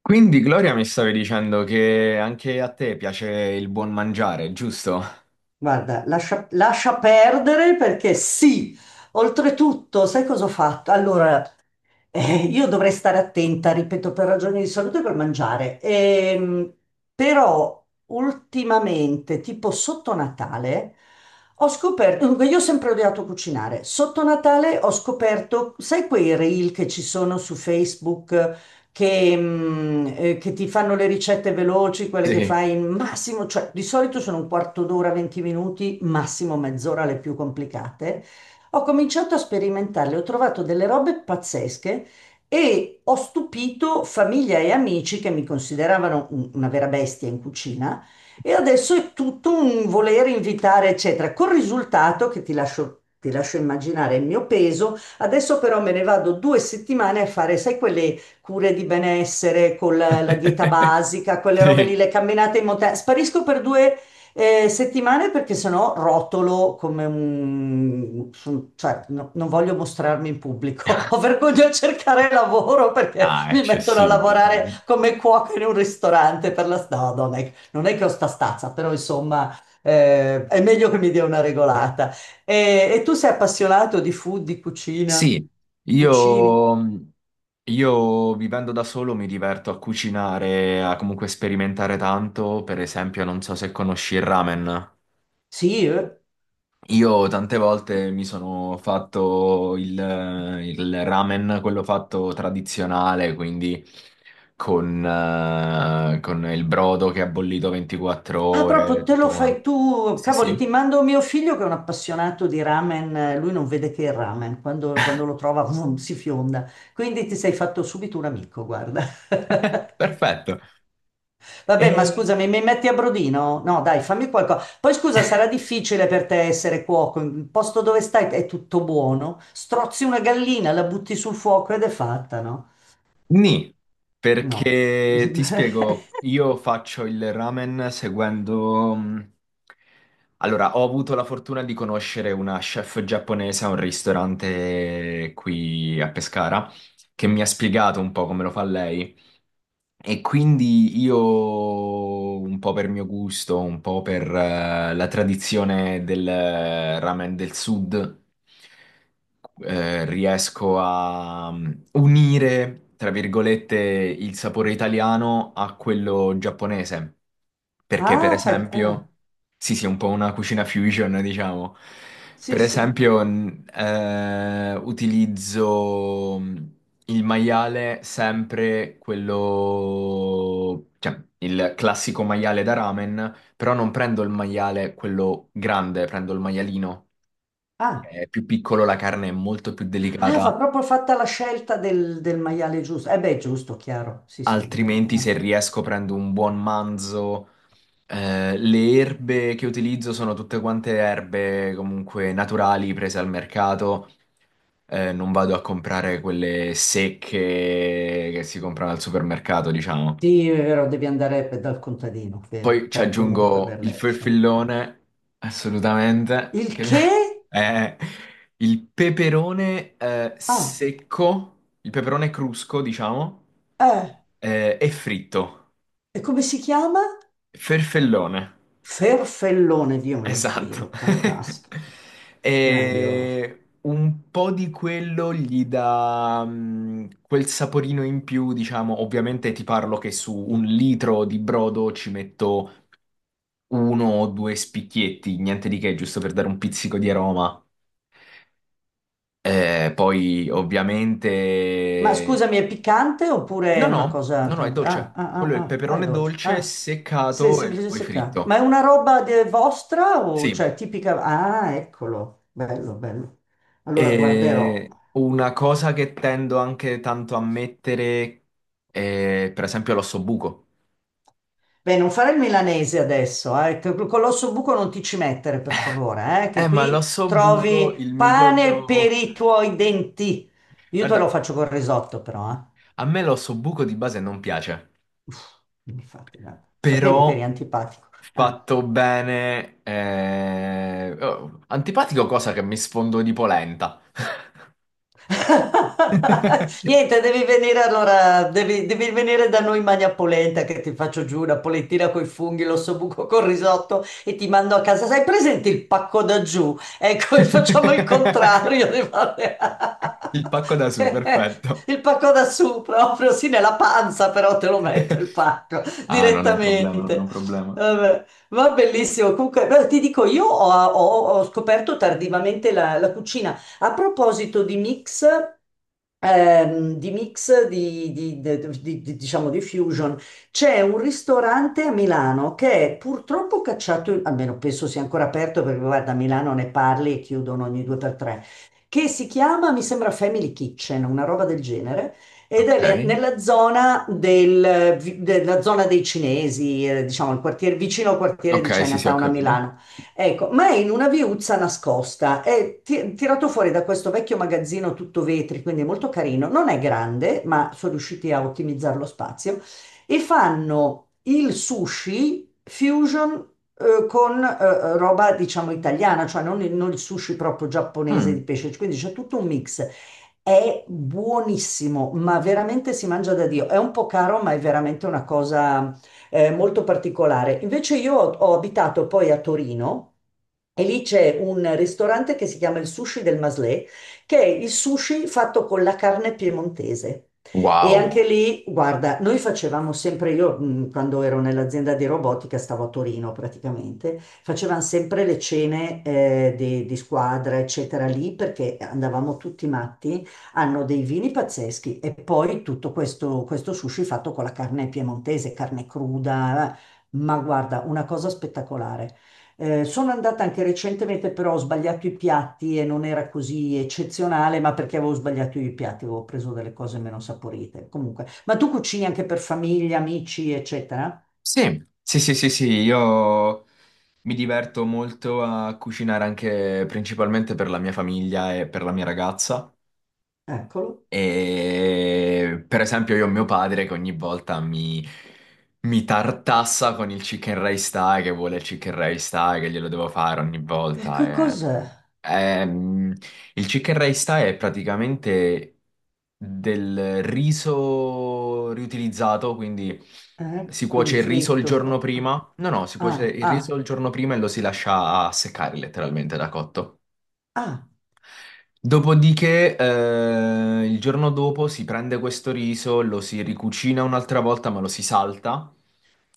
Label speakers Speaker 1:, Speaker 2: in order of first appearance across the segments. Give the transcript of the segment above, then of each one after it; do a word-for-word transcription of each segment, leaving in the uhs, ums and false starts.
Speaker 1: Quindi Gloria mi stavi dicendo che anche a te piace il buon mangiare, giusto?
Speaker 2: Guarda, lascia, lascia perdere perché sì, oltretutto, sai cosa ho fatto? Allora, eh, io dovrei stare attenta, ripeto, per ragioni di salute col mangiare. Ehm, però ultimamente, tipo sotto Natale, ho scoperto, dunque io ho sempre odiato cucinare, sotto Natale ho scoperto, sai quei reel che ci sono su Facebook? che, mm, eh, che ti fanno le ricette veloci, quelle che
Speaker 1: Sì.
Speaker 2: fai in massimo, cioè di solito sono un quarto d'ora, venti minuti, massimo mezz'ora le più complicate. Ho cominciato a sperimentarle, ho trovato delle robe pazzesche e ho stupito famiglia e amici che mi consideravano un- una vera bestia in cucina. E adesso è tutto un volere invitare, eccetera, col risultato che ti lascio, ti lascio immaginare il mio peso. Adesso però me ne vado due settimane a fare, sai, quelle cure di benessere, con la, la dieta basica, quelle robe lì,
Speaker 1: Sì.
Speaker 2: le camminate in montagna. Sparisco per due eh, settimane perché sennò rotolo come un... son- cioè, no- non voglio mostrarmi in pubblico. Ho vergogna a cercare lavoro perché
Speaker 1: Ah,
Speaker 2: mi mettono a
Speaker 1: eccessivo,
Speaker 2: lavorare
Speaker 1: dai.
Speaker 2: come cuoca in un ristorante per la strada. non è, non è che ho sta stazza, però insomma... eh, è meglio che mi dia una regolata. E, e tu sei appassionato di food, di cucina?
Speaker 1: Sì,
Speaker 2: Cucini?
Speaker 1: io, io vivendo da solo mi diverto a cucinare, a comunque sperimentare tanto. Per esempio, non so se conosci il ramen.
Speaker 2: Sì, eh.
Speaker 1: Io tante volte mi sono fatto il, il ramen, quello fatto tradizionale, quindi con, eh, con il brodo che ha bollito 24
Speaker 2: Ah,
Speaker 1: ore,
Speaker 2: proprio te lo
Speaker 1: tutto
Speaker 2: fai
Speaker 1: quanto.
Speaker 2: tu,
Speaker 1: Sì,
Speaker 2: cavoli, ti
Speaker 1: sì,
Speaker 2: mando mio figlio che è un appassionato di ramen, eh, lui non vede che il ramen, quando, quando lo trova vum, si fionda, quindi ti sei fatto subito un amico, guarda.
Speaker 1: perfetto.
Speaker 2: Vabbè, ma scusami, mi metti a brodino? No, dai, fammi qualcosa. Poi scusa, sarà difficile per te essere cuoco, il posto dove stai è tutto buono, strozzi una gallina, la butti sul fuoco ed è fatta, no?
Speaker 1: Nì,
Speaker 2: No.
Speaker 1: perché ti spiego, io faccio il ramen seguendo... mh, allora, ho avuto la fortuna di conoscere una chef giapponese a un ristorante qui a Pescara che mi ha spiegato un po' come lo fa lei. E quindi io, un po' per mio gusto, un po' per eh, la tradizione del eh, ramen del sud, eh, riesco a mm, unire, tra virgolette, il sapore italiano a quello giapponese. Perché, per
Speaker 2: Ah, fai... ah,
Speaker 1: esempio, sì, sì, è un po' una cucina fusion, diciamo.
Speaker 2: sì,
Speaker 1: Per
Speaker 2: sì.
Speaker 1: esempio, n- eh, utilizzo mm, il maiale sempre quello, cioè il classico maiale da ramen, però non prendo il maiale quello grande, prendo il maialino, che
Speaker 2: Ah.
Speaker 1: è più piccolo, la carne è molto più
Speaker 2: Ah,
Speaker 1: delicata,
Speaker 2: va proprio fatta la scelta del, del maiale giusto. Eh beh, giusto, chiaro. Sì, sì. del-
Speaker 1: altrimenti se
Speaker 2: eh.
Speaker 1: riesco prendo un buon manzo. Eh, le erbe che utilizzo sono tutte quante erbe comunque naturali prese al mercato. Eh, non vado a comprare quelle secche che si comprano al supermercato, diciamo.
Speaker 2: Sì, è vero, devi andare pe- dal contadino, vero,
Speaker 1: Poi ci
Speaker 2: per comunque
Speaker 1: aggiungo il
Speaker 2: averle. Sì.
Speaker 1: ferfellone, assolutamente,
Speaker 2: Il
Speaker 1: che
Speaker 2: che?
Speaker 1: è il peperone eh,
Speaker 2: Ah,
Speaker 1: secco, il peperone crusco, diciamo,
Speaker 2: eh.
Speaker 1: eh, e fritto.
Speaker 2: E come si chiama?
Speaker 1: Ferfellone,
Speaker 2: Ferfellone, Dio me lo
Speaker 1: esatto.
Speaker 2: scrivo. Fantastico, grandioso.
Speaker 1: E un po' di quello gli dà mm, quel saporino in più, diciamo, ovviamente ti parlo che su un litro di brodo ci metto uno o due spicchietti, niente di che, giusto per dare un pizzico di aroma. Eh, poi
Speaker 2: Ma
Speaker 1: ovviamente...
Speaker 2: scusami, è piccante oppure
Speaker 1: No,
Speaker 2: è una
Speaker 1: no,
Speaker 2: cosa
Speaker 1: no, no, è
Speaker 2: tranquilla? Ah,
Speaker 1: dolce.
Speaker 2: ah, ah,
Speaker 1: Quello è il
Speaker 2: ah, ah, è
Speaker 1: peperone
Speaker 2: dolce.
Speaker 1: dolce
Speaker 2: Ah, sì,
Speaker 1: seccato e
Speaker 2: semplice
Speaker 1: poi
Speaker 2: seccato. Ma è
Speaker 1: fritto.
Speaker 2: una roba de- vostra o
Speaker 1: Sì.
Speaker 2: cioè tipica? Ah, eccolo, bello, bello. Allora guarderò.
Speaker 1: E una cosa che tendo anche tanto a mettere è per esempio l'ossobuco.
Speaker 2: Beh, non fare il milanese adesso, eh. che- Con l'osso buco non ti ci mettere, per favore, eh, che
Speaker 1: Eh, ma
Speaker 2: qui
Speaker 1: l'ossobuco,
Speaker 2: trovi
Speaker 1: il
Speaker 2: pane per
Speaker 1: midollo...
Speaker 2: i tuoi denti. Io te lo
Speaker 1: Guarda,
Speaker 2: faccio col risotto, però, eh.
Speaker 1: a me l'ossobuco di base non piace.
Speaker 2: Uff, non mi fate nada. Sapevo che eri
Speaker 1: Però
Speaker 2: antipatico. Eh.
Speaker 1: fatto bene. Eh, oh, antipatico cosa che mi sfondo di polenta.
Speaker 2: Niente, devi venire allora, devi, devi venire da noi in Magna Polenta che ti faccio giù una polentina coi funghi, l'ossobuco col risotto e ti mando a casa. Sai presente il pacco da giù? Ecco, facciamo il contrario. di fare-
Speaker 1: Il pacco da su, perfetto.
Speaker 2: Il pacco da su proprio, sì, nella panza però te lo metto il pacco
Speaker 1: Ah, non è un problema, non è un
Speaker 2: direttamente.
Speaker 1: problema.
Speaker 2: Vabbè. Va bellissimo, comunque beh, ti dico, io ho, ho- ho scoperto tardivamente la la cucina. A proposito di mix, ehm, di mix di, di- di- di- di- diciamo di fusion, c'è un ristorante a Milano che è purtroppo cacciato, almeno penso sia ancora aperto perché guarda, a Milano ne parli e chiudono ogni due per tre, che si chiama, mi sembra Family Kitchen, una roba del genere. Ed è
Speaker 1: Ok,
Speaker 2: le- nella zona, del, vi- della zona dei cinesi, eh, diciamo il quartiere, vicino al quartiere di
Speaker 1: ok, sì, sì, ho
Speaker 2: Chinatown a
Speaker 1: capito.
Speaker 2: Milano. Ecco, ma è in una viuzza nascosta, è ti- tirato fuori da questo vecchio magazzino tutto vetri, quindi è molto carino, non è grande, ma sono riusciti a ottimizzare lo spazio, e fanno il sushi fusion eh, con eh, roba, diciamo, italiana, cioè non il, non il sushi proprio giapponese di
Speaker 1: Mm.
Speaker 2: pesce, quindi c'è tutto un mix. È buonissimo, ma veramente si mangia da Dio. È un po' caro, ma è veramente una cosa eh, molto particolare. Invece io ho ho abitato poi a Torino. E lì c'è un ristorante che si chiama il Sushi del Maslé, che è il sushi fatto con la carne piemontese. E anche
Speaker 1: Wow.
Speaker 2: lì, guarda, noi facevamo sempre, io mh, quando ero nell'azienda di robotica, stavo a Torino praticamente, facevamo sempre le cene eh, di, di squadra, eccetera, lì perché andavamo tutti matti, hanno dei vini pazzeschi e poi tutto questo, questo sushi fatto con la carne piemontese, carne cruda, eh. Ma guarda, una cosa spettacolare. Eh, sono andata anche recentemente, però ho sbagliato i piatti e non era così eccezionale, ma perché avevo sbagliato i piatti, avevo preso delle cose meno saporite. Comunque, ma tu cucini anche per famiglia, amici, eccetera?
Speaker 1: Sì, sì, sì, sì, sì, io mi diverto molto a cucinare anche principalmente per la mia famiglia e per la mia ragazza.
Speaker 2: Eccolo.
Speaker 1: E per esempio io ho mio padre che ogni volta mi, mi tartassa con il chicken rice thai, che vuole il chicken rice thai, che glielo devo fare ogni
Speaker 2: E
Speaker 1: volta.
Speaker 2: che
Speaker 1: E-
Speaker 2: cos'è?
Speaker 1: Ehm, il chicken rice thai è praticamente del riso riutilizzato, quindi
Speaker 2: Eh,
Speaker 1: si
Speaker 2: Quindi
Speaker 1: cuoce il riso il
Speaker 2: fritto un
Speaker 1: giorno
Speaker 2: po'. Ah,
Speaker 1: prima. No, no, si cuoce
Speaker 2: ah,
Speaker 1: il riso il
Speaker 2: ah.
Speaker 1: giorno prima e lo si lascia seccare letteralmente da cotto.
Speaker 2: ah.
Speaker 1: Dopodiché, eh, il giorno dopo si prende questo riso, lo si ricucina un'altra volta, ma lo si salta.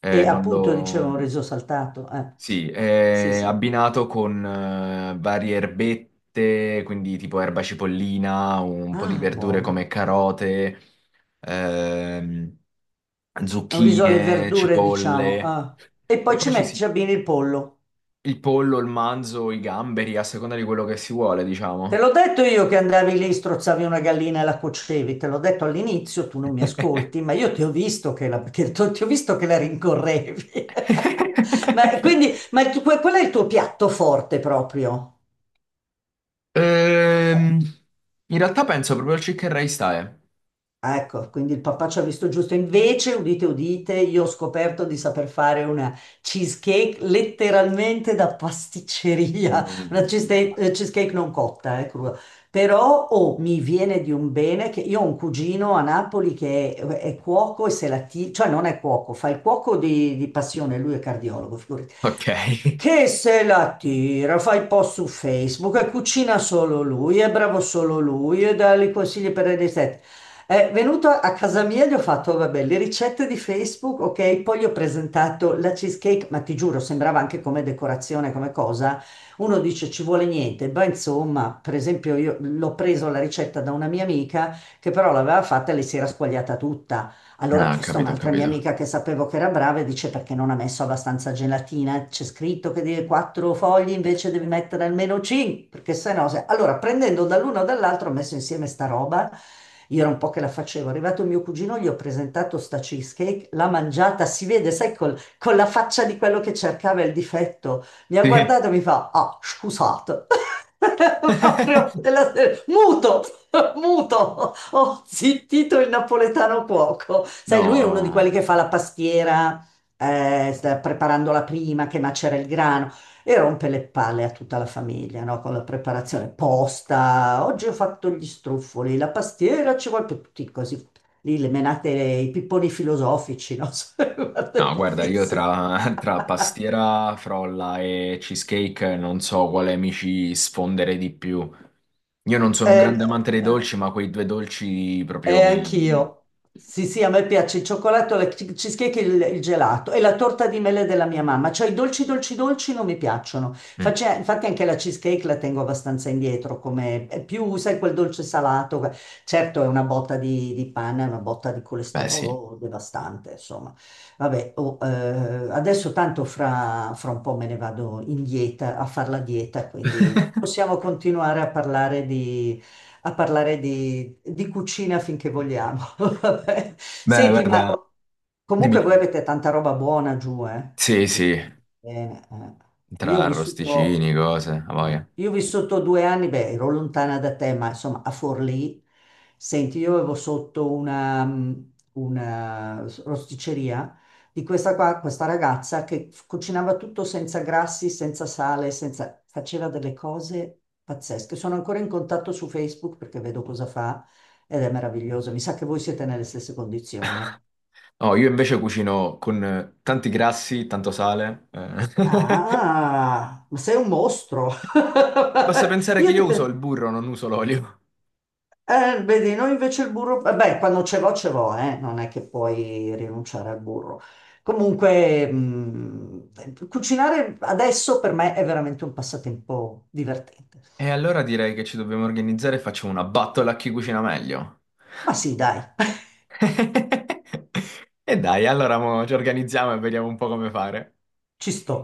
Speaker 1: Eh,
Speaker 2: E
Speaker 1: non
Speaker 2: appunto dicevo un
Speaker 1: lo...
Speaker 2: riso saltato. Eh,
Speaker 1: Sì,
Speaker 2: sì,
Speaker 1: è
Speaker 2: sì.
Speaker 1: abbinato con eh, varie erbette, quindi tipo erba cipollina, un po' di
Speaker 2: Ah,
Speaker 1: verdure
Speaker 2: buona.
Speaker 1: come carote, ehm,
Speaker 2: È un riso alle
Speaker 1: zucchine,
Speaker 2: verdure, diciamo.
Speaker 1: cipolle.
Speaker 2: Ah. E
Speaker 1: E
Speaker 2: poi ci
Speaker 1: poi ci
Speaker 2: metti,
Speaker 1: si...
Speaker 2: ci abbini il pollo.
Speaker 1: il pollo, il manzo, i gamberi, a seconda di quello che si vuole,
Speaker 2: Te
Speaker 1: diciamo.
Speaker 2: l'ho detto io che andavi lì, strozzavi una gallina e la cuocevi. Te l'ho detto all'inizio, tu non mi ascolti, ma io ti ho visto che la, che- ti ho visto che la rincorrevi. Ma quindi, ma il tu- que- quello è il tuo piatto forte proprio.
Speaker 1: Ehm,
Speaker 2: Eh,
Speaker 1: in realtà penso proprio al Chicken Rice Thai.
Speaker 2: Ecco, quindi il papà ci ha visto giusto. Invece, udite, udite, io ho scoperto di saper fare una cheesecake letteralmente da pasticceria, una
Speaker 1: Mm.
Speaker 2: cheesecake, eh, cheesecake non cotta, eh, crua. Però oh, mi viene di un bene che io ho un cugino a Napoli che è, è cuoco e se la tira, cioè non è cuoco, fa il cuoco di, di passione, lui è cardiologo, figurati.
Speaker 1: Ok.
Speaker 2: Che se la tira, fa i post su Facebook e cucina solo lui, è bravo solo lui e dà i consigli per le ricette. È venuto a a casa mia e gli ho fatto, vabbè, le ricette di Facebook, ok, poi gli ho presentato la cheesecake, ma ti giuro, sembrava anche come decorazione, come cosa. Uno dice ci vuole niente, beh, insomma, per esempio io l'ho preso la ricetta da una mia amica che però l'aveva fatta e le si era squagliata tutta. Allora ho
Speaker 1: Ah, ho
Speaker 2: chiesto a
Speaker 1: capito, ho
Speaker 2: un'altra mia
Speaker 1: capito.
Speaker 2: amica che sapevo che era brava e dice perché non ha messo abbastanza gelatina? C'è scritto che deve quattro fogli invece devi mettere almeno cinque, perché sennò se... Allora prendendo dall'uno o dall'altro ho messo insieme sta roba. Io era un po' che la facevo. È arrivato mio cugino, gli ho presentato sta cheesecake, l'ha mangiata, si vede, sai, col- con la faccia di quello che cercava il difetto. Mi ha
Speaker 1: Sì.
Speaker 2: guardato e mi fa, ah, scusate. Proprio della serie- muto, muto, ho zittito il napoletano cuoco. Sai, lui è uno di
Speaker 1: No,
Speaker 2: quelli che fa la pastiera, eh, sta preparando la prima, che macera il grano e rompe le palle a tutta la famiglia, no? Con la preparazione posta. Oggi ho fatto gli struffoli, la pastiera ci vuole per tutti così. Lì le menate, i pipponi filosofici, no? Guarda,
Speaker 1: no, guarda, io
Speaker 2: fisse.
Speaker 1: tra, tra pastiera, frolla e cheesecake non so quale mi ci sfondere di più. Io non sono un
Speaker 2: Eh,
Speaker 1: grande amante dei
Speaker 2: eh.
Speaker 1: dolci, ma quei due dolci
Speaker 2: Eh,
Speaker 1: proprio mi...
Speaker 2: anch'io. Sì, sì, a me piace il cioccolato, la che- cheesecake e il, il gelato e la torta di mele della mia mamma. Cioè i dolci, dolci, dolci non mi piacciono.
Speaker 1: Mm,
Speaker 2: Face- infatti anche la cheesecake la tengo abbastanza indietro, come è più, sai, quel dolce salato. que- Certo è una botta di, di pane, è una botta di
Speaker 1: beh, sì.
Speaker 2: colesterolo devastante, insomma. Vabbè, oh, eh, adesso tanto fra, fra un po' me ne vado in dieta, a fare la dieta, quindi possiamo continuare a parlare di a parlare di, di cucina finché vogliamo. Vabbè.
Speaker 1: Beh,
Speaker 2: Senti, ma
Speaker 1: guarda, dimmi,
Speaker 2: comunque voi
Speaker 1: dimmi.
Speaker 2: avete tanta roba buona giù, eh?
Speaker 1: Sì,
Speaker 2: Sì.
Speaker 1: sì,
Speaker 2: Bene, eh.
Speaker 1: tra
Speaker 2: Io ho vissuto...
Speaker 1: arrosticini, cose, a
Speaker 2: Eh,
Speaker 1: voglia.
Speaker 2: io ho vissuto due anni, beh, ero lontana da te, ma insomma a Forlì, senti, io avevo sotto una, mm, una s- rosticceria di questa, qua, questa ragazza che f- cucinava tutto senza grassi, senza sale, senza... faceva delle cose pazzesche. Sono ancora in contatto su Facebook perché vedo cosa fa ed è meraviglioso. Mi sa che voi siete nelle stesse condizioni, eh.
Speaker 1: Oh, io invece cucino con eh, tanti grassi, tanto sale. Eh.
Speaker 2: Ah, ma sei un mostro!
Speaker 1: Basta pensare che
Speaker 2: Io ti
Speaker 1: io uso il
Speaker 2: pe-
Speaker 1: burro, non uso l'olio.
Speaker 2: Eh, vedi, noi invece il burro, eh, beh, quando ce l'ho, ce l'ho, eh, non è che puoi rinunciare al burro. Comunque, mh, cucinare adesso per me è veramente un passatempo divertente.
Speaker 1: E allora direi che ci dobbiamo organizzare e facciamo una battola a chi cucina meglio.
Speaker 2: Ma sì, dai,
Speaker 1: E dai, allora mo ci organizziamo e vediamo un po' come fare.
Speaker 2: ci sto.